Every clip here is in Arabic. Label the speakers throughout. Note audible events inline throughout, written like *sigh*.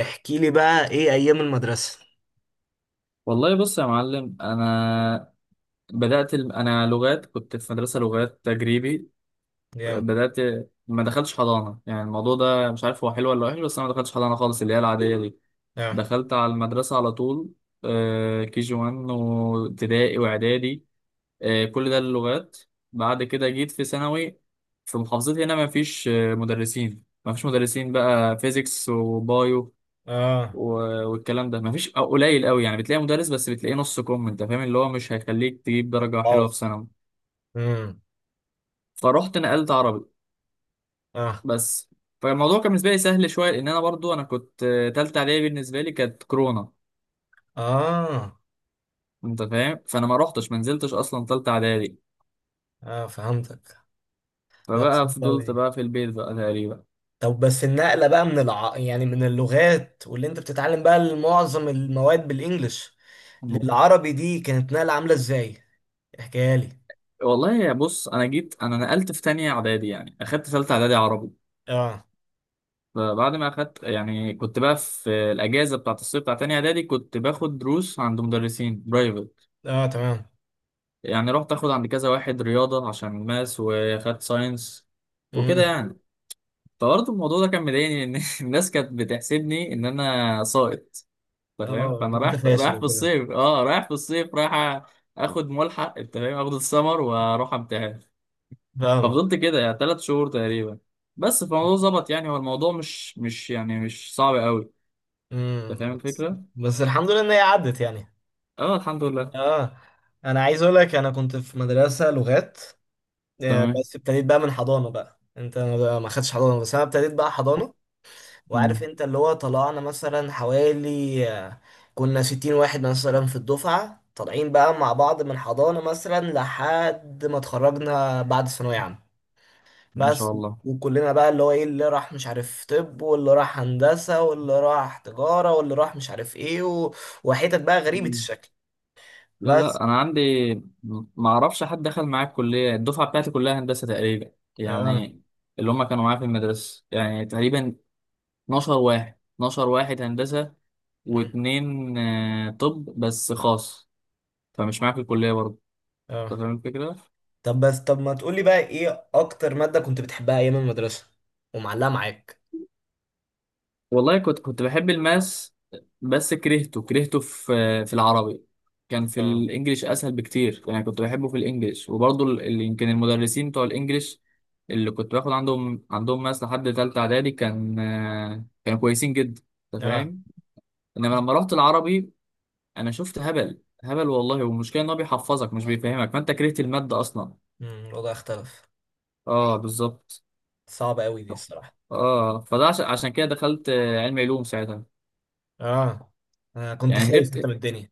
Speaker 1: احكي لي بقى، ايه ايام المدرسة؟
Speaker 2: والله، بص يا معلم. انا انا لغات، كنت في مدرسه لغات تجريبي.
Speaker 1: جامد.
Speaker 2: بدات ما دخلتش حضانه، يعني الموضوع ده مش عارف هو حلو ولا وحش، بس انا ما دخلتش حضانه خالص اللي هي العاديه دي.
Speaker 1: اه.
Speaker 2: دخلت على المدرسه على طول، كي جي 1 وابتدائي واعدادي. كل ده اللغات. بعد كده جيت في ثانوي. في محافظتي هنا ما فيش مدرسين، ما فيش مدرسين بقى فيزيكس وبايو
Speaker 1: اه.
Speaker 2: والكلام ده مفيش أو قليل قوي، يعني بتلاقي مدرس بس بتلاقيه نص كم، انت فاهم، اللي هو مش هيخليك تجيب درجة حلوة
Speaker 1: اه.
Speaker 2: في ثانوي.
Speaker 1: امم.
Speaker 2: فرحت نقلت عربي
Speaker 1: اه.
Speaker 2: بس. فالموضوع كان بالنسبة لي سهل شوية، لأن أنا برضو أنا كنت، تالتة إعدادي بالنسبة لي كانت كورونا.
Speaker 1: اه.
Speaker 2: أنت فاهم، فأنا ما رحتش، ما نزلتش أصلا تالتة إعدادي.
Speaker 1: اه فهمتك. لا،
Speaker 2: فبقى
Speaker 1: صعب
Speaker 2: فضلت
Speaker 1: أوي.
Speaker 2: بقى في البيت بقى تقريبا.
Speaker 1: طب بس النقلة بقى يعني من اللغات واللي انت بتتعلم بقى معظم المواد بالانجلش للعربي، دي كانت نقلة عاملة ازاي؟ احكيها لي.
Speaker 2: والله يا بص، أنا جيت أنا نقلت في تانية إعدادي، يعني أخدت تالتة إعدادي عربي.
Speaker 1: اه.
Speaker 2: فبعد ما اخدت، يعني كنت بقى في الاجازه بتاعت الصيف بتاعت تانية اعدادي كنت باخد دروس عند مدرسين برايفت.
Speaker 1: اه تمام.
Speaker 2: يعني رحت اخد عند كذا واحد رياضه عشان ماس، واخدت ساينس وكده
Speaker 1: امم.
Speaker 2: يعني. فبرضه الموضوع ده كان مضايقني ان *laughs* الناس كانت بتحسبني ان انا ساقط، انت فاهم،
Speaker 1: اه.
Speaker 2: فانا
Speaker 1: انت
Speaker 2: رايح
Speaker 1: فاشل
Speaker 2: رايح في
Speaker 1: وكده.
Speaker 2: الصيف، اه رايح في الصيف، رايح اخد ملحق، انت فاهم، اخد السمر واروح امتحن.
Speaker 1: فاهمك.
Speaker 2: ففضلت كده يعني ثلاث شهور تقريبا بس. فالموضوع ظبط، يعني هو الموضوع مش يعني مش صعب قوي، انت فاهم
Speaker 1: بس.
Speaker 2: الفكره.
Speaker 1: بس الحمد لله ان هي عدت يعني.
Speaker 2: اه الحمد لله.
Speaker 1: اه. انا عايز اقول لك، انا كنت في مدرسة لغات،
Speaker 2: تمام.
Speaker 1: بس ابتديت بقى من حضانة بقى. انت ما خدتش حضانة، بس انا ابتديت بقى حضانة. وعارف
Speaker 2: مم.
Speaker 1: انت، اللي هو طلعنا مثلا حوالي، كنا 60 واحد مثلا في الدفعة، طالعين بقى مع بعض من حضانة مثلا لحد ما اتخرجنا بعد ثانوية عامة.
Speaker 2: ما شاء
Speaker 1: بس.
Speaker 2: الله.
Speaker 1: وكلنا بقى اللي هو ايه، اللي راح مش عارف، طب واللي راح هندسة، واللي راح تجارة، واللي راح مش عارف ايه وحتت بقى غريبة
Speaker 2: مم.
Speaker 1: الشكل.
Speaker 2: لا
Speaker 1: بس.
Speaker 2: لا، انا عندي، ما اعرفش حد دخل معايا الكليه، الدفعه بتاعتي كلها هندسه تقريبا
Speaker 1: اه.
Speaker 2: يعني، اللي هم كانوا معايا في المدرسه يعني، تقريبا 12 واحد، 12 واحد هندسه،
Speaker 1: مم.
Speaker 2: واتنين طب بس خاص، فمش معايا في الكليه برضه، انت
Speaker 1: اه،
Speaker 2: فاهم الفكره.
Speaker 1: طب بس ما تقولي بقى، ايه اكتر مادة كنت بتحبها ايام المدرسة ومعلقة معاك؟
Speaker 2: والله كنت بحب الماس، بس كرهته كرهته في، في العربي. كان في
Speaker 1: اه.
Speaker 2: الانجليش اسهل بكتير، يعني كنت بحبه في الانجليش، وبرضه يمكن المدرسين بتوع الانجليش اللي كنت باخد عندهم ماس لحد تالتة اعدادي، كانوا كويسين جدا، انت
Speaker 1: اه.
Speaker 2: فاهم. انما لما رحت العربي، انا شفت هبل هبل والله. والمشكله ان هو بيحفظك مش بيفهمك، فانت كرهت الماده اصلا.
Speaker 1: الوضع اختلف.
Speaker 2: اه بالظبط.
Speaker 1: صعب قوي دي الصراحة.
Speaker 2: اه فده عشان كده دخلت، علوم ساعتها.
Speaker 1: اه، انا كنت
Speaker 2: يعني
Speaker 1: خايف انت من
Speaker 2: هربت،
Speaker 1: الدنيا.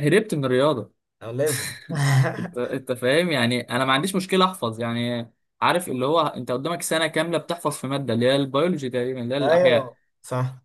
Speaker 2: هربت من الرياضه.
Speaker 1: او لازم *laughs*
Speaker 2: انت فاهم، يعني انا ما عنديش مشكله احفظ يعني. عارف اللي هو انت قدامك سنه كامله بتحفظ في ماده، اللي هي البيولوجي تقريبا، اللي هي الاحياء.
Speaker 1: ايوه صح.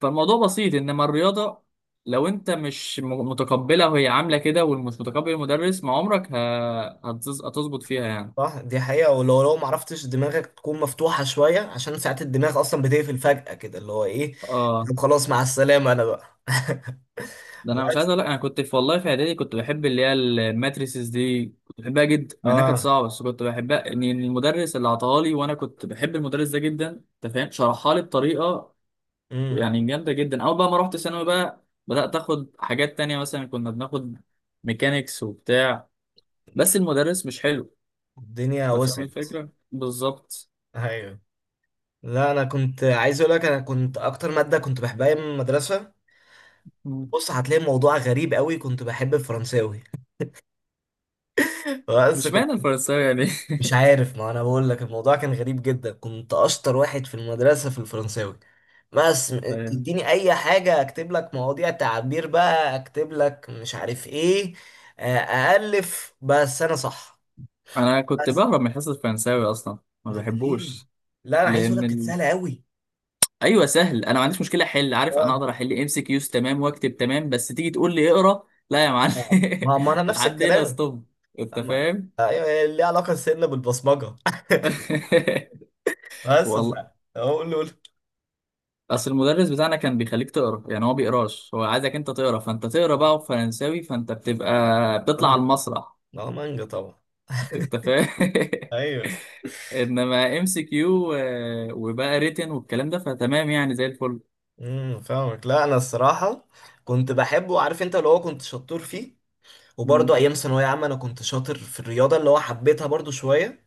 Speaker 2: فالموضوع بسيط، انما الرياضه، لو انت مش متقبلها وهي عامله كده، ومش متقبل المدرس، ما عمرك هتظبط فيها يعني.
Speaker 1: صح، دي حقيقة. ولو لو ما عرفتش دماغك تكون مفتوحة شوية، عشان ساعات الدماغ اصلا بتقفل فجأة كده، اللي هو ايه.
Speaker 2: اه.
Speaker 1: طب خلاص، مع السلامة انا بقى *laughs*
Speaker 2: ده انا مش عايز
Speaker 1: بس.
Speaker 2: اقول لك، انا كنت في، والله في اعدادي كنت بحب اللي هي الماتريسز دي، كنت بحبها جدا مع انها كانت
Speaker 1: اه.
Speaker 2: صعبه، بس كنت بحبها ان المدرس اللي عطاها لي، وانا كنت بحب المدرس ده جدا، انت فاهم، شرحها لي بطريقه
Speaker 1: امم
Speaker 2: يعني جامدة جدا. أول بقى ما رحت ثانوي بقى، بدأت آخد حاجات تانية، مثلا كنا بناخد ميكانيكس وبتاع، بس المدرس مش حلو.
Speaker 1: الدنيا
Speaker 2: أنت فاهم
Speaker 1: وسعت.
Speaker 2: الفكرة؟ بالظبط.
Speaker 1: ايوه. لا انا كنت عايز اقول لك، انا كنت اكتر ماده كنت بحبها ايام المدرسه،
Speaker 2: مم.
Speaker 1: بص هتلاقي الموضوع غريب قوي، كنت بحب الفرنساوي *laughs* بس
Speaker 2: مش
Speaker 1: كنت،
Speaker 2: معنى الفرنساوي يعني
Speaker 1: مش
Speaker 2: *laughs*
Speaker 1: عارف. ما انا بقول لك الموضوع كان غريب جدا، كنت اشطر واحد في المدرسه في الفرنساوي. بس م-
Speaker 2: أيوة.
Speaker 1: تديني اي حاجه، اكتب لك مواضيع تعبير بقى، اكتب لك مش عارف ايه، الف، بس انا صح.
Speaker 2: أنا كنت
Speaker 1: بس
Speaker 2: بهرب من حصة الفرنساوي أصلا، ما
Speaker 1: ليه؟
Speaker 2: بحبوش.
Speaker 1: لا انا عايز اقول
Speaker 2: لأن
Speaker 1: لك، كانت
Speaker 2: ال...
Speaker 1: سهله قوي.
Speaker 2: أيوه سهل. أنا ما عنديش مشكلة أحل، عارف، أنا
Speaker 1: اه.
Speaker 2: أقدر أحل إم سي كيوز تمام، وأكتب تمام، بس تيجي تقول لي اقرأ، لا يا معلم.
Speaker 1: ما
Speaker 2: *laughs*
Speaker 1: انا نفس
Speaker 2: لحد هنا
Speaker 1: الكلام.
Speaker 2: ستوب. أنت
Speaker 1: أما.
Speaker 2: فاهم؟
Speaker 1: أيوه، هي ليها علاقة سنة بالبصمجة.
Speaker 2: *laughs*
Speaker 1: *laughs* بس بس-
Speaker 2: والله
Speaker 1: أهو قول له، قول له.
Speaker 2: اصل المدرس بتاعنا كان بيخليك تقرا، يعني هو بيقراش، هو عايزك انت تقرا، فانت تقرا بقى، وفرنساوي فانت بتبقى بتطلع على
Speaker 1: مانجا.
Speaker 2: المسرح،
Speaker 1: ما هو مانجا طبعا.
Speaker 2: انت فاهم *laughs*
Speaker 1: أيوه.
Speaker 2: انما ام سي كيو وبقى ريتن والكلام ده فتمام يعني، زي الفل.
Speaker 1: فاهمك. لا أنا الصراحة كنت بحبه. عارف أنت، اللي هو كنت شطور فيه.
Speaker 2: مم.
Speaker 1: وبرضه أيام ثانوية عامة أنا كنت شاطر في الرياضة، اللي هو حبيتها برضه شوية،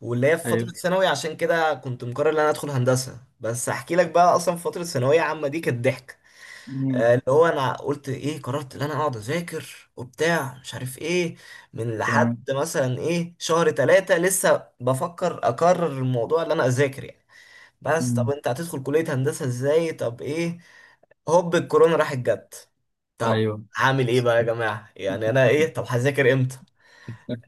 Speaker 1: واللي هي في فترة
Speaker 2: ايوه.
Speaker 1: ثانوي، عشان كده كنت مقرر إن أنا أدخل هندسة. بس أحكي لك بقى، أصلا في فترة ثانوية عامة دي كانت ضحك.
Speaker 2: مم.
Speaker 1: اللي هو انا قلت ايه، قررت ان انا اقعد اذاكر وبتاع مش عارف ايه، من لحد
Speaker 2: تمام.
Speaker 1: مثلا ايه، شهر ثلاثة، لسه بفكر اقرر الموضوع اللي انا اذاكر يعني. بس طب
Speaker 2: مم.
Speaker 1: انت هتدخل كلية هندسة ازاي، طب ايه. هوب الكورونا راحت جت. طب
Speaker 2: ايوه.
Speaker 1: هعمل ايه بقى يا جماعة، يعني انا ايه، طب هذاكر امتى.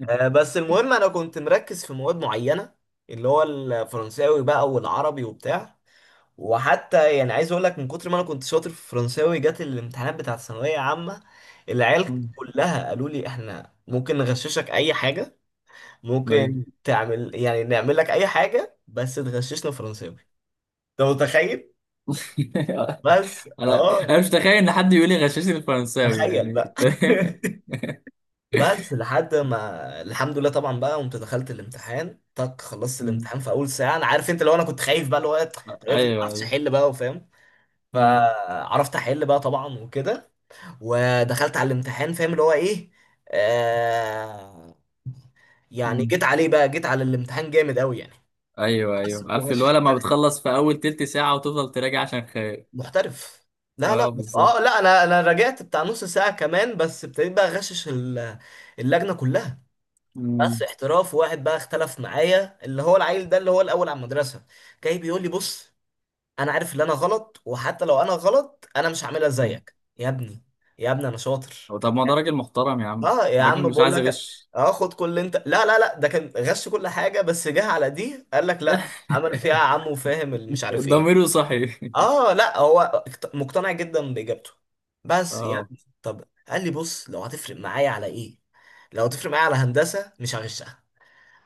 Speaker 1: بس المهم، انا كنت مركز في مواد معينة، اللي هو الفرنساوي بقى والعربي وبتاع. وحتى يعني عايز اقول لك، من كتر ما انا كنت شاطر في الفرنساوي، جت الامتحانات بتاعت الثانويه عامه، العيال
Speaker 2: مم.
Speaker 1: كلها قالوا لي احنا ممكن نغششك اي حاجه،
Speaker 2: ايوه.
Speaker 1: ممكن تعمل يعني، نعمل لك اي حاجه بس تغششنا فرنساوي. انت متخيل؟
Speaker 2: *laughs*
Speaker 1: بس
Speaker 2: انا
Speaker 1: اه،
Speaker 2: انا مش متخيل ان حد يقول لي غشاشي الفرنساوي
Speaker 1: تخيل
Speaker 2: يعني
Speaker 1: بقى *laughs*
Speaker 2: *laughs*
Speaker 1: بس لحد ما الحمد لله طبعا بقى، قمت دخلت الامتحان، تك خلصت
Speaker 2: مم.
Speaker 1: الامتحان في اول ساعه. انا عارف انت، لو انا كنت خايف بقى، اللي هو طب افرض ما
Speaker 2: ايوه
Speaker 1: عرفتش
Speaker 2: ايوه.
Speaker 1: احل بقى، وفاهم. فعرفت احل بقى طبعا وكده. ودخلت على الامتحان فاهم اللي هو ايه، آه يعني
Speaker 2: مم.
Speaker 1: جيت عليه بقى، جيت على الامتحان جامد قوي يعني.
Speaker 2: ايوه ايوه،
Speaker 1: بس
Speaker 2: عارف اللي هو
Speaker 1: وغششت.
Speaker 2: لما بتخلص في اول تلت ساعه، وتفضل تراجع عشان خايف.
Speaker 1: محترف. لا لا.
Speaker 2: اه بالظبط.
Speaker 1: اه لا، انا رجعت بتاع نص ساعة كمان، بس ابتديت بقى اغشش اللجنة كلها. بس
Speaker 2: مم.
Speaker 1: احتراف، واحد بقى اختلف معايا، اللي هو العيل ده اللي هو الاول على المدرسة، جاي بيقول لي بص، انا عارف ان انا غلط، وحتى لو انا غلط انا مش هعملها
Speaker 2: مم.
Speaker 1: زيك يا ابني. يا ابني انا شاطر.
Speaker 2: هو طب ما ده راجل محترم يا عم،
Speaker 1: اه يا
Speaker 2: راجل
Speaker 1: عم
Speaker 2: مش
Speaker 1: بقول
Speaker 2: عايز
Speaker 1: لك،
Speaker 2: يغش
Speaker 1: اه خد كل اللي انت، لا لا لا، ده كان غش كل حاجه، بس جه على دي قال لك لا، عمل فيها
Speaker 2: *laughs*
Speaker 1: عمه فاهم، اللي مش عارف ايه.
Speaker 2: ضميره صحي.
Speaker 1: اه لا هو، مقتنع جدا باجابته. بس
Speaker 2: اه.
Speaker 1: يعني طب قال لي بص، لو هتفرق معايا على ايه، لو هتفرق معايا على هندسه مش هغشها.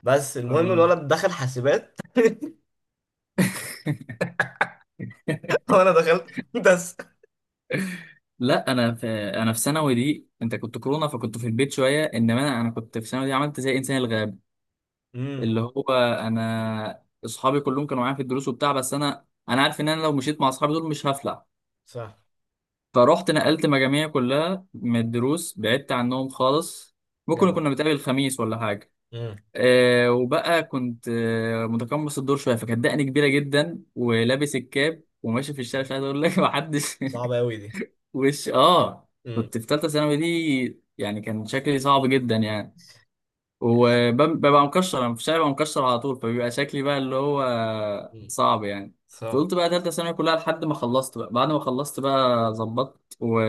Speaker 1: بس المهم،
Speaker 2: اه
Speaker 1: الولد دخل حاسبات
Speaker 2: *laughs*
Speaker 1: *laughs* وانا دخلت هندسه.
Speaker 2: لا، انا في ثانوي دي، انت كنت كورونا فكنت في البيت شويه، انما انا كنت في ثانوي دي عملت زي انسان الغاب،
Speaker 1: امم.
Speaker 2: اللي هو، انا اصحابي كلهم كانوا معايا في الدروس وبتاع، بس انا عارف ان انا لو مشيت مع اصحابي دول مش هفلح.
Speaker 1: صح.
Speaker 2: فروحت نقلت مجاميع، كلها من الدروس، بعدت عنهم خالص، ممكن
Speaker 1: جدع.
Speaker 2: كنا بنتقابل الخميس ولا حاجة.
Speaker 1: امم.
Speaker 2: وبقى كنت متقمص الدور شوية، فكانت دقني كبيرة جدا، ولابس الكاب وماشي في الشارع، مش عايز أقول لك *laughs* محدش.
Speaker 1: صعبه قوي دي.
Speaker 2: وش
Speaker 1: امم.
Speaker 2: كنت في تالتة ثانوي دي، يعني كان شكلي صعب جدا يعني، وببقى مكشر أنا في الشارع، ببقى مكشر على طول، فبيبقى شكلي بقى اللي هو
Speaker 1: امم،
Speaker 2: صعب يعني.
Speaker 1: صعب.
Speaker 2: فقلت بقى تالتة ثانوي كلها لحد ما خلصت بقى، بعد ما خلصت بقى ظبطت، و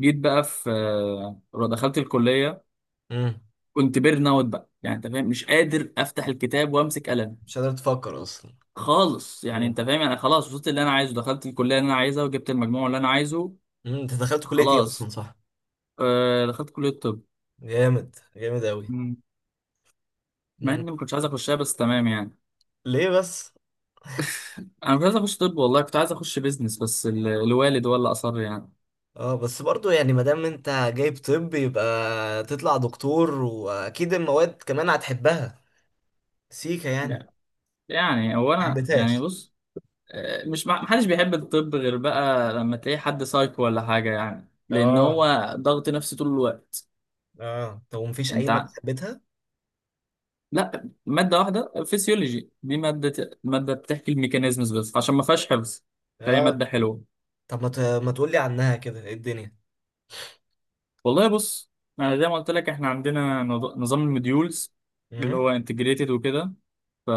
Speaker 2: جيت بقى في، دخلت الكليه.
Speaker 1: امم.
Speaker 2: كنت بيرن اوت بقى يعني، انت فاهم، مش قادر افتح الكتاب وامسك قلم،
Speaker 1: مش قادر تفكر اصلا.
Speaker 2: خالص يعني.
Speaker 1: امم.
Speaker 2: انت فاهم، انا خلاص وصلت اللي انا عايزه، دخلت الكليه اللي انا عايزها، وجبت المجموع اللي انا عايزه،
Speaker 1: مم، انت دخلت كلية ايه اصلا،
Speaker 2: خلاص.
Speaker 1: صح؟
Speaker 2: دخلت كليه الطب.
Speaker 1: جامد جامد أوي.
Speaker 2: مم. مع
Speaker 1: مم.
Speaker 2: اني ما كنتش عايز اخشها، بس تمام يعني.
Speaker 1: ليه بس؟
Speaker 2: انا مش عايز اخش طب، والله كنت عايز اخش بيزنس، بس الوالد هو اللي اصر يعني.
Speaker 1: اه بس برضو يعني، ما دام انت جايب طب، يبقى تطلع دكتور، واكيد المواد كمان هتحبها، سيكا يعني.
Speaker 2: لا، يعني هو
Speaker 1: ما
Speaker 2: انا يعني
Speaker 1: حبيتهاش؟
Speaker 2: بص، مش محدش بيحب الطب غير بقى لما تلاقي حد سايكو ولا حاجه، يعني لان
Speaker 1: اه.
Speaker 2: هو ضغط نفسي طول الوقت.
Speaker 1: اه طب، ومفيش اي
Speaker 2: انت
Speaker 1: مادة
Speaker 2: ع-
Speaker 1: حبيتها؟
Speaker 2: لا، ماده واحده، فيسيولوجي دي، ماده بتحكي الميكانيزمز، بس عشان ما فيهاش حفظ، فهي
Speaker 1: اه
Speaker 2: ماده حلوه.
Speaker 1: طب ما تقولي عنها كده، ايه الدنيا.
Speaker 2: والله بص، انا زي ما قلت لك، احنا عندنا نظام المديولز، اللي
Speaker 1: امم.
Speaker 2: هو انتجريتد وكده.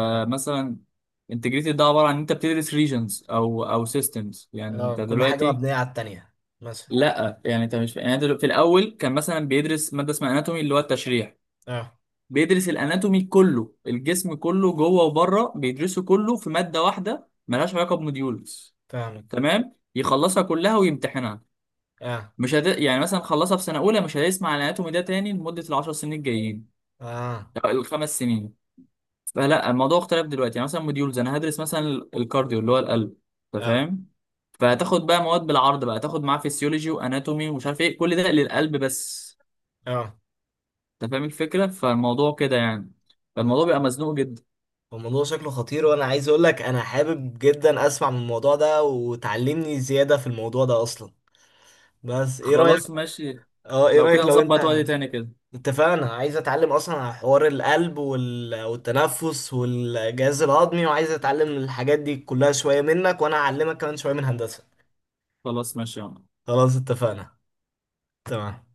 Speaker 1: اه.
Speaker 2: انتجريتد ده عباره عن انت بتدرس ريجنز او سيستمز، يعني
Speaker 1: اه،
Speaker 2: انت
Speaker 1: كل حاجة
Speaker 2: دلوقتي،
Speaker 1: مبنية على التانية مثلا.
Speaker 2: لا يعني، انت مش يعني، انت في الاول كان مثلا بيدرس ماده اسمها اناتومي اللي هو التشريح.
Speaker 1: اه
Speaker 2: بيدرس الاناتومي كله، الجسم كله جوه وبره، بيدرسه كله في ماده واحده ملهاش علاقه بموديولز.
Speaker 1: فاهمك.
Speaker 2: تمام، يخلصها كلها ويمتحنها.
Speaker 1: اه.
Speaker 2: مش هت... يعني مثلا خلصها في سنه اولى، مش هيسمع عن الاناتومي ده تاني لمده العشر سنين الجايين،
Speaker 1: اه.
Speaker 2: أو الخمس سنين. فلا، الموضوع اختلف دلوقتي، يعني مثلا موديولز، انا هدرس مثلا الكارديو اللي هو القلب، انت
Speaker 1: اه.
Speaker 2: فاهم. فهتاخد بقى مواد بالعرض بقى، تاخد معاه فيسيولوجي واناتومي، ومش عارف ايه، كل ده للقلب بس،
Speaker 1: اه
Speaker 2: انت فاهم الفكره، فالموضوع كده يعني. فالموضوع بيبقى مزنوق جدا.
Speaker 1: الموضوع شكله خطير، وانا عايز اقول لك، انا حابب جدا اسمع من الموضوع ده، وتعلمني زيادة في الموضوع ده اصلا. بس ايه رأيك؟
Speaker 2: خلاص ماشي.
Speaker 1: اه ايه
Speaker 2: لو كده
Speaker 1: رأيك، لو والله
Speaker 2: نظبط
Speaker 1: انت
Speaker 2: وقت تاني كده.
Speaker 1: اتفقنا، عايز اتعلم اصلا على حوار القلب والتنفس والجهاز الهضمي، وعايز اتعلم الحاجات دي كلها شوية منك، وانا اعلمك كمان شوية من هندسة.
Speaker 2: خلاص ماشي يا عم.
Speaker 1: خلاص اتفقنا. تمام.